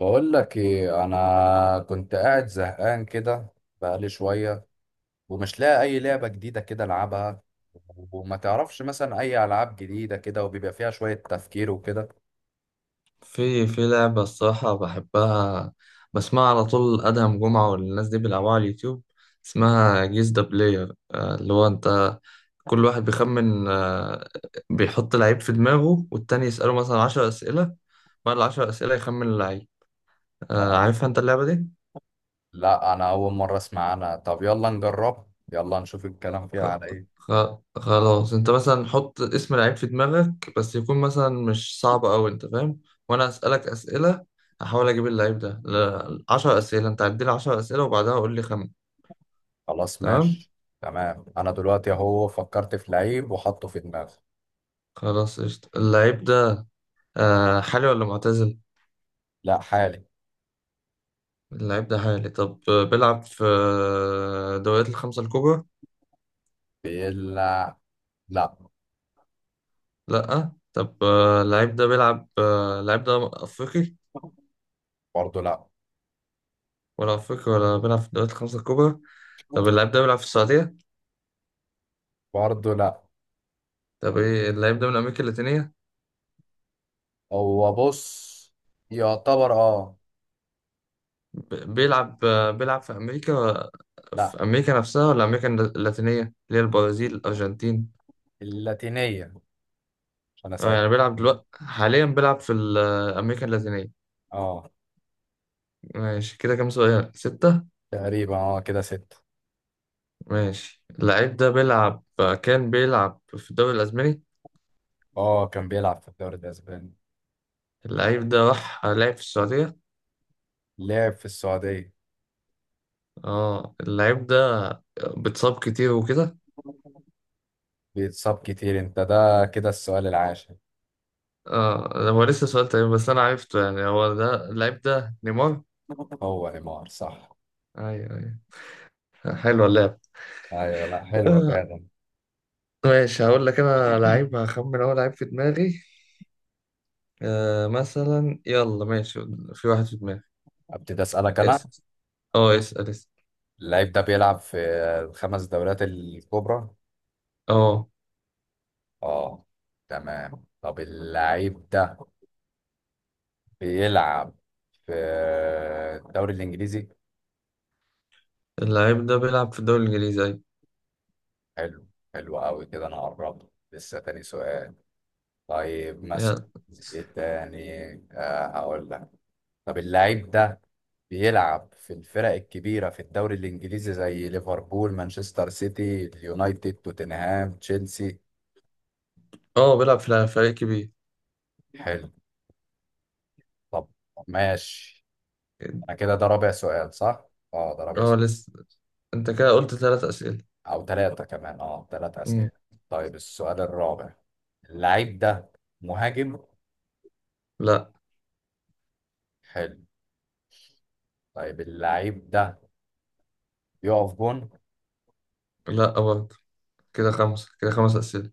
بقول لك ايه، انا كنت قاعد زهقان كده بقالي شويه، ومش لاقي اي لعبه جديده كده العبها، وما تعرفش مثلا اي العاب جديده كده وبيبقى فيها شويه تفكير وكده. في لعبة الصراحة بحبها، بسمعها على طول أدهم جمعة والناس دي بيلعبوها على اليوتيوب. اسمها جيز ذا بلاير، اللي هو أنت. كل واحد بيخمن، بيحط لعيب في دماغه والتاني يسأله مثلا عشر أسئلة. بعد العشر أسئلة يخمن اللعيب. اه، عارفها أنت اللعبة دي؟ لا انا اول مره اسمع عنها. طب يلا نجرب، يلا نشوف الكلام فيها خ... على ايه. خ... خلاص، انت مثلا حط اسم لعيب في دماغك، بس يكون مثلا مش صعب قوي، انت فاهم. وانا اسالك اسئله، احاول اجيب اللعيب ده 10 اسئله. انت عدي لي 10 اسئله وبعدها قول لي خمن. خلاص تمام. ماشي. تمام، انا دلوقتي اهو فكرت في لعيب وحطه في دماغي. خلاص قشطة. اللعيب ده، حالي ولا معتزل؟ لا حالي. اللعيب ده حالي. طب بيلعب في دوريات الخمسه الكبرى؟ بيلعب. لا. لا. طب اللعيب ده بيلعب، اللعيب ده افريقي؟ برضه لا. ولا افريقي ولا بيلعب في الدوريات الخمسه الكبرى. طب اللعيب ده بيلعب في السعوديه؟ برضه لا. طب ايه، اللعيب ده من امريكا اللاتينيه؟ هو بص، يعتبر اه. بيلعب، بيلعب في امريكا؟ لا. في امريكا نفسها ولا امريكا اللاتينيه اللي هي البرازيل، الارجنتين؟ اللاتينية، مش أنا اه، سايق. يعني بيلعب دلوقتي حاليا بيلعب في امريكا اللاتينيه. اه. ماشي، كده كام سؤال؟ ستة. تقريبا اه كده ستة. ماشي، اللعيب ده بيلعب، كان بيلعب في الدوري الاسباني. اه، كان بيلعب في الدوري الأسباني. اللعيب ده راح لعب في السعوديه. لعب في السعودية. اه، اللعيب ده بتصاب كتير وكده. بيتصاب كتير. انت ده كده السؤال العاشر. اه، هو لسه سؤال تاني بس انا عرفته، يعني هو ده اللعيب ده نيمار. هو نيمار صح. ايوه ايوه، حلوه اللعبه. ايوه. لا، حلوة آه، فعلا. ماشي، هقول لك انا لعيب، هخمن اول لعيب في دماغي. آه مثلا، يلا ماشي، في واحد في دماغي. ابتدي اسألك انا. اسال، اه اسال اسال. اللعيب ده بيلعب في الخمس دوريات الكبرى. اه، اه. تمام، طب اللعيب ده بيلعب في الدوري الانجليزي. اللعيب ده بيلعب في الدوري الانجليزي، ايوه. حلو، حلو قوي. كده انا قربت، لسه تاني سؤال. طيب مثلا، يلا. ايه تاني؟ هقول لك. طب اللعيب ده بيلعب في الفرق الكبيرة في الدوري الإنجليزي زي ليفربول، مانشستر سيتي، اليونايتد، توتنهام، تشيلسي. اه، بيلعب في فريق كبير. حلو. طب ماشي. أنا كده ده رابع سؤال صح؟ اه ده رابع اه سؤال. لسه. انت كده قلت ثلاث اسئله. أو ثلاثة كمان، اه ثلاثة مم. أسئلة. طيب السؤال الرابع، اللعيب ده مهاجم. لا. حلو. طيب اللعيب ده بيقف جون. لا برضه. كده خمسه، كده خمس اسئله.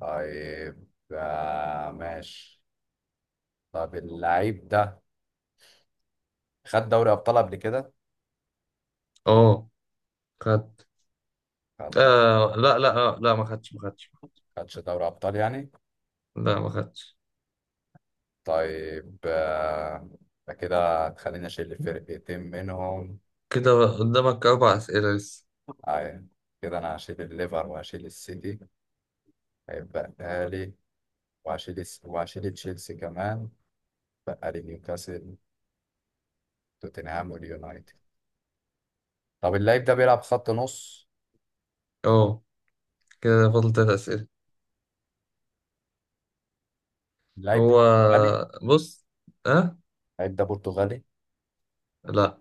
طيب ماشي. طب اللعيب ده خد دوري ابطال قبل كده؟ اه خدت. خد، آه لا لا، آه لا، ما خدتش. خدش دوري ابطال يعني؟ لا ما خدتش. طيب ده كده هتخليني اشيل فرقتين منهم. كده قدامك اربع اسئله لسه. أيوة. كده انا هشيل الليفر وهشيل السيتي، هيبقى لي، وهشيل تشيلسي كمان. بقى لي نيوكاسل، توتنهام واليونايتد. طب اللعيب ده بيلعب خط نص. اه كده فاضل ثلاث اسئله. اللعيب ده هو برتغالي؟ بص، أه. اللعيب ده برتغالي. لا،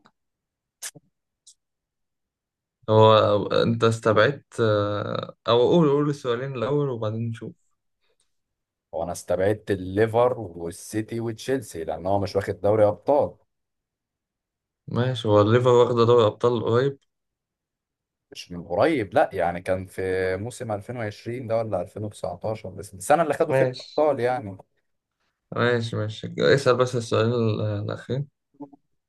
هو أنت استبعدت، أو قول السؤالين الأول وبعدين نشوف. هو انا استبعدت الليفر والسيتي وتشيلسي لان هو مش واخد دوري ابطال. ماشي، هو الليفر واخدة دوري أبطال قريب. مش من قريب، لا، يعني كان في موسم 2020 ده ولا 2019، بس السنة اللي خدوا فيها ماشي الأبطال يعني. ماشي ماشي اسأل بس السؤالين الأخير.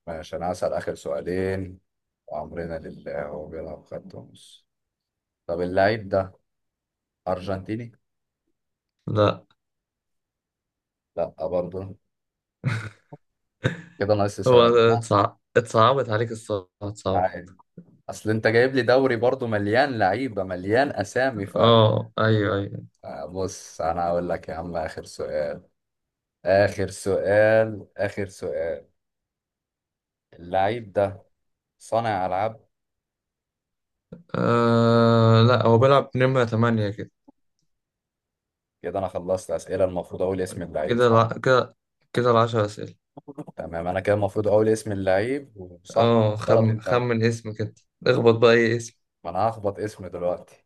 ماشي، أنا هسأل آخر سؤالين وأمرنا لله. هو بيلعب خط نص. طب اللعيب ده أرجنتيني؟ لا. لا برضه. كده ناقص لي هو سؤال. لا اتصعبت عليك الصراحة، اتصعبت. عادي، أصل أنت جايب لي دوري برضه مليان لعيبة، مليان أسامي. ف اه أيوه أيوه. بص أنا هقول لك يا عم، آخر سؤال، آخر سؤال، آخر سؤال. اللعيب ده صانع ألعاب. آه لا، هو بيلعب نمرة تمانية كده. كده انا خلصت اسئله، المفروض اقول اسم اللعيب صح. كده، كده العشر أسئلة. تمام انا كده المفروض اقول اسم اللعيب وصح. اه غلط. خمن اسم كده. اخبط بقى أي اسم. ما انا هخبط اسمه دلوقتي.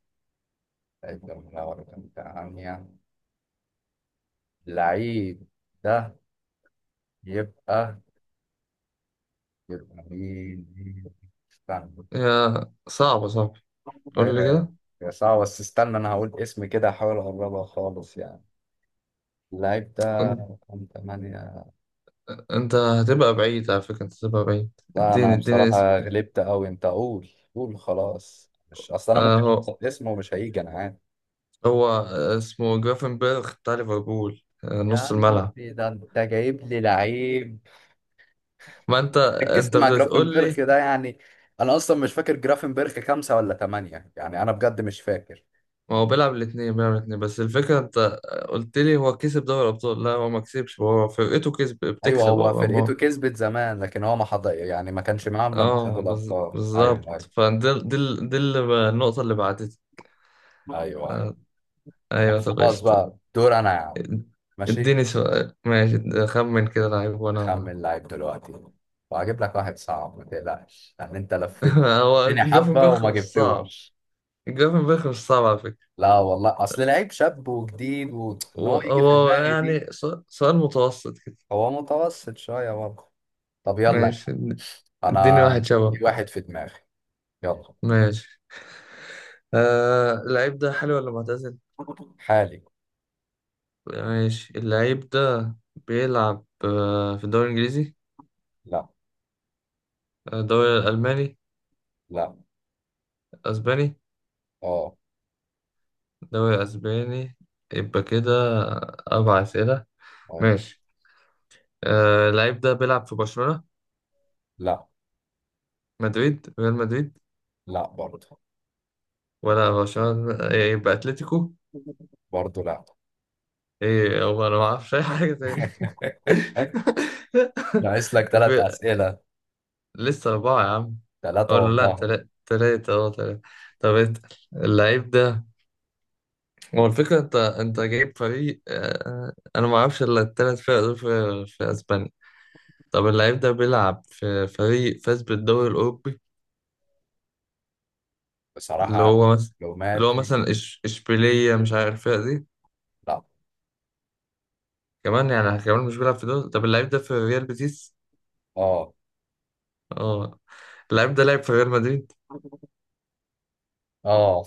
لعيب ده من الأول، كان بتاع عنيا. اللعيب ده يبقى، يبقى مين مين؟ استنى. يا صعبة صعبة. ايوه قول لي ايوه، كده. يا صعب، بس استنى انا هقول اسم كده، احاول اقربها خالص يعني. اللعيب قول ده لي. كان تمانية. انت هتبقى بعيد على فكرة، انت هتبقى بعيد. لا اديني انا اديني اسم بصراحه كده. غلبت قوي، انت قول. قول خلاص، مش اصل انا ممكن اهو. احط اسمه ومش هيجي، انا عارف. هو اسمه جرافنبرغ بتاع ليفربول، يا نص عم الملعب. ده انت جايب لي لعيب، ما انت، ركزت انت مع بتقول جرافنبرخ لي، ده يعني. انا اصلا مش فاكر جرافنبرخ خمسة ولا ثمانية يعني، انا بجد مش فاكر. ما هو بيلعب الاثنين، بيلعب الاثنين بس الفكرة انت قلت لي هو كسب دوري الابطال. لا، هو ما كسبش، هو فرقته كسب، ايوه بتكسب، هو هو فرقته ما. كسبت زمان، لكن هو ما حضر يعني، ما كانش معاهم لما اه خدوا الابطال. بالظبط. ايوه دي اللي النقطة اللي بعدتها. ايوه. آه، طب ايوه طب خلاص قشطة. بقى دور انا يا عم. ماشي، اديني سؤال، ماشي، خمن كده لعيب وانا. اخمن لعيب دلوقتي. وهجيب لك واحد صعب ما تقلقش، يعني انت لفيت هو الدنيا حبه جافنبرخ وما مش صعب. جبتوش. جافنبرخ مش صعب على فكرة. لا والله، اصل لعيب شاب وجديد، وان هو يجي في هو دماغي يعني دي. سؤال متوسط كده. هو متوسط شوية برضه. طب يلا. ماشي أنا اديني واحد شبه في واحد كده. في دماغي. يلا. ماشي. آه، اللعيب ده حلو ولا معتزل؟ حالي. ماشي، اللعيب ده بيلعب آه في الدوري الإنجليزي؟ لا. الدوري الألماني؟ لا. أسباني؟ اه. الدوري الأسباني. يبقى كده أربع أسئلة. اه. ماشي. آه، اللعيب ده بيلعب في برشلونة؟ لا. مدريد؟ ريال مدريد؟ لا برضه. ولا برشلونة؟ يبقى أتلتيكو. برضه لا. ايه، هو انا ما اعرفش اي حاجه تاني. ناقص لك ثلاث في... أسئلة. لسه اربعه يا عم. أه ثلاثة ولا لا، والله. تلاته، تلاته. طب انت، اللعيب ده، هو الفكره، انت جايب فريق، انا ما اعرفش الا التلات فرق دول في اسبانيا. طب اللعيب ده بيلعب في فريق فاز بالدوري الاوروبي، اللي بصراحة هو مثلا، اللي هو معلوماتي. مثلا اشبيليه؟ مش عارف الفرقه دي لا. كمان، يعني كمان مش بيلعب في دول. طب اللعيب ده في ريال بيتيس. اه. اه، اللعيب ده لعب في ريال مدريد. اه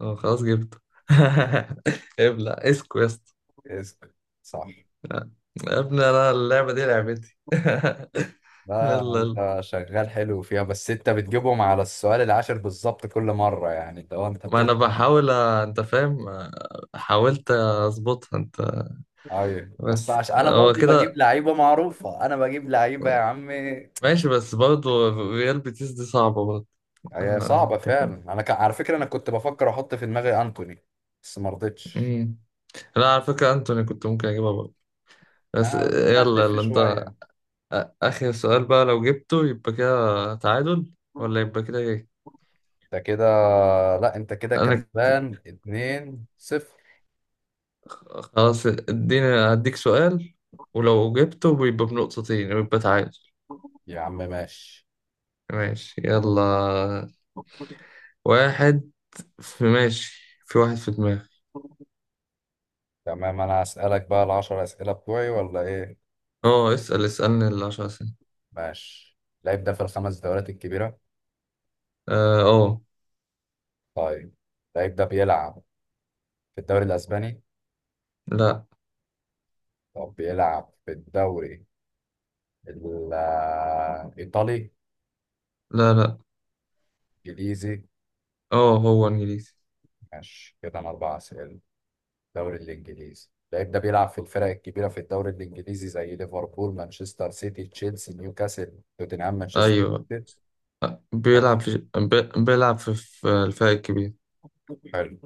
اه خلاص جبته. ابلع اسكو يا اسطى. اسأل. صح. لا. يا ابني، انا اللعبه دي لعبتي. لا يلا يلا. انت شغال حلو فيها، بس انت بتجيبهم على السؤال العاشر بالظبط كل مرة، يعني لو انت ما انا بتلحق. بحاول انت فاهم، حاولت اظبطها انت. ايوه، بس بس عشان انا هو برضو بجيب كده. لعيبه معروفه، انا بجيب لعيبه يا عم. ماشي، بس برضه ريال بيتيس دي صعبه برضه. هي اه صعبه أنت فاهم. فعلا. على فكره انا كنت بفكر احط في دماغي انتوني، بس ما رضيتش. أمم. لا على فكره، انتوني كنت ممكن اجيبها برضه. بس انا يلا هتلف يلا انت. شويه. اخر سؤال بقى، لو جبته يبقى كده تعادل ولا يبقى كده ايه؟ انت كده، لا انت كده انا كسبان 2-0. خلاص اديني، هديك سؤال، ولو جبته بيبقى بنقطتين ويبقى تعادل. يا عم ماشي. ماشي يلا. واحد في، ماشي، في واحد في دماغي. تمام، انا هسألك بقى العشر اسئله بتوعي ولا ايه؟ اه اسأل، اسألني العشر سنين. ماشي، اللعيب ده في الخمس دوريات الكبيره. اه آه. طيب اللعيب ده بيلعب في الدوري الاسباني. لا. طب بيلعب في الدوري ال- الإيطالي؟ لا. لا. إنجليزي. اه هو انجليزي، ماشي كده أنا أربع أسئلة. الدوري الإنجليزي، اللعيب ده بيلعب في الفرق الكبيرة في الدوري الإنجليزي زي ليفربول، مانشستر سيتي، تشيلسي، نيوكاسل، توتنهام، مانشستر ايوه. سيتي. حلو، بيلعب في بيلعب في في الفريق الكبير. حلو.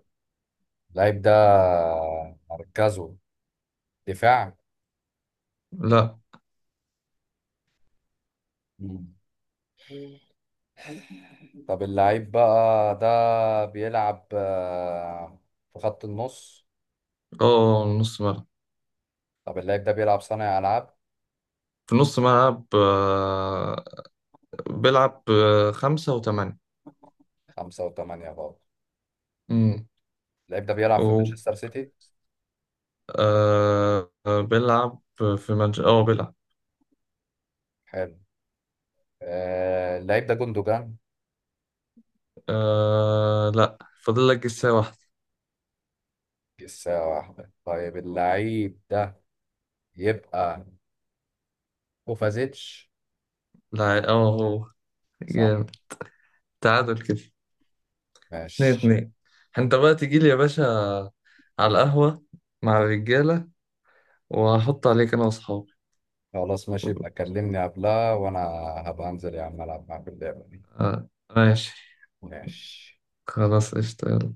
اللعيب ده مركزه دفاع. لا. مم. طب اللعيب بقى ده بيلعب في خط النص. اه نص ملعب. طب اللعيب ده بيلعب صانع ألعاب. في نص ملعب، بيلعب، خمسة وثمانية. خمسة وثمانية برضه. اللعيب ده بيلعب في امم. مانشستر سيتي. بيلعب في منش، اه بيلعب. حلو. اللعيب ده جندوجان. لا. فاضل لك جسة واحدة. لسه واحدة. طيب اللعيب ده يبقى كوفازيتش. لا. اه هو صح. جامد. تعادل كده، اتنين ماشي. اتنين. انت بقى تجي لي يا باشا على القهوة مع الرجالة، وهحط عليك انا واصحابي. خلاص ماشي، يبقى كلمني قبلها وانا هبقى انزل يا عم العب معاك اللعبة دي. آه ماشي. ماشي. خلاص قشطة يلا.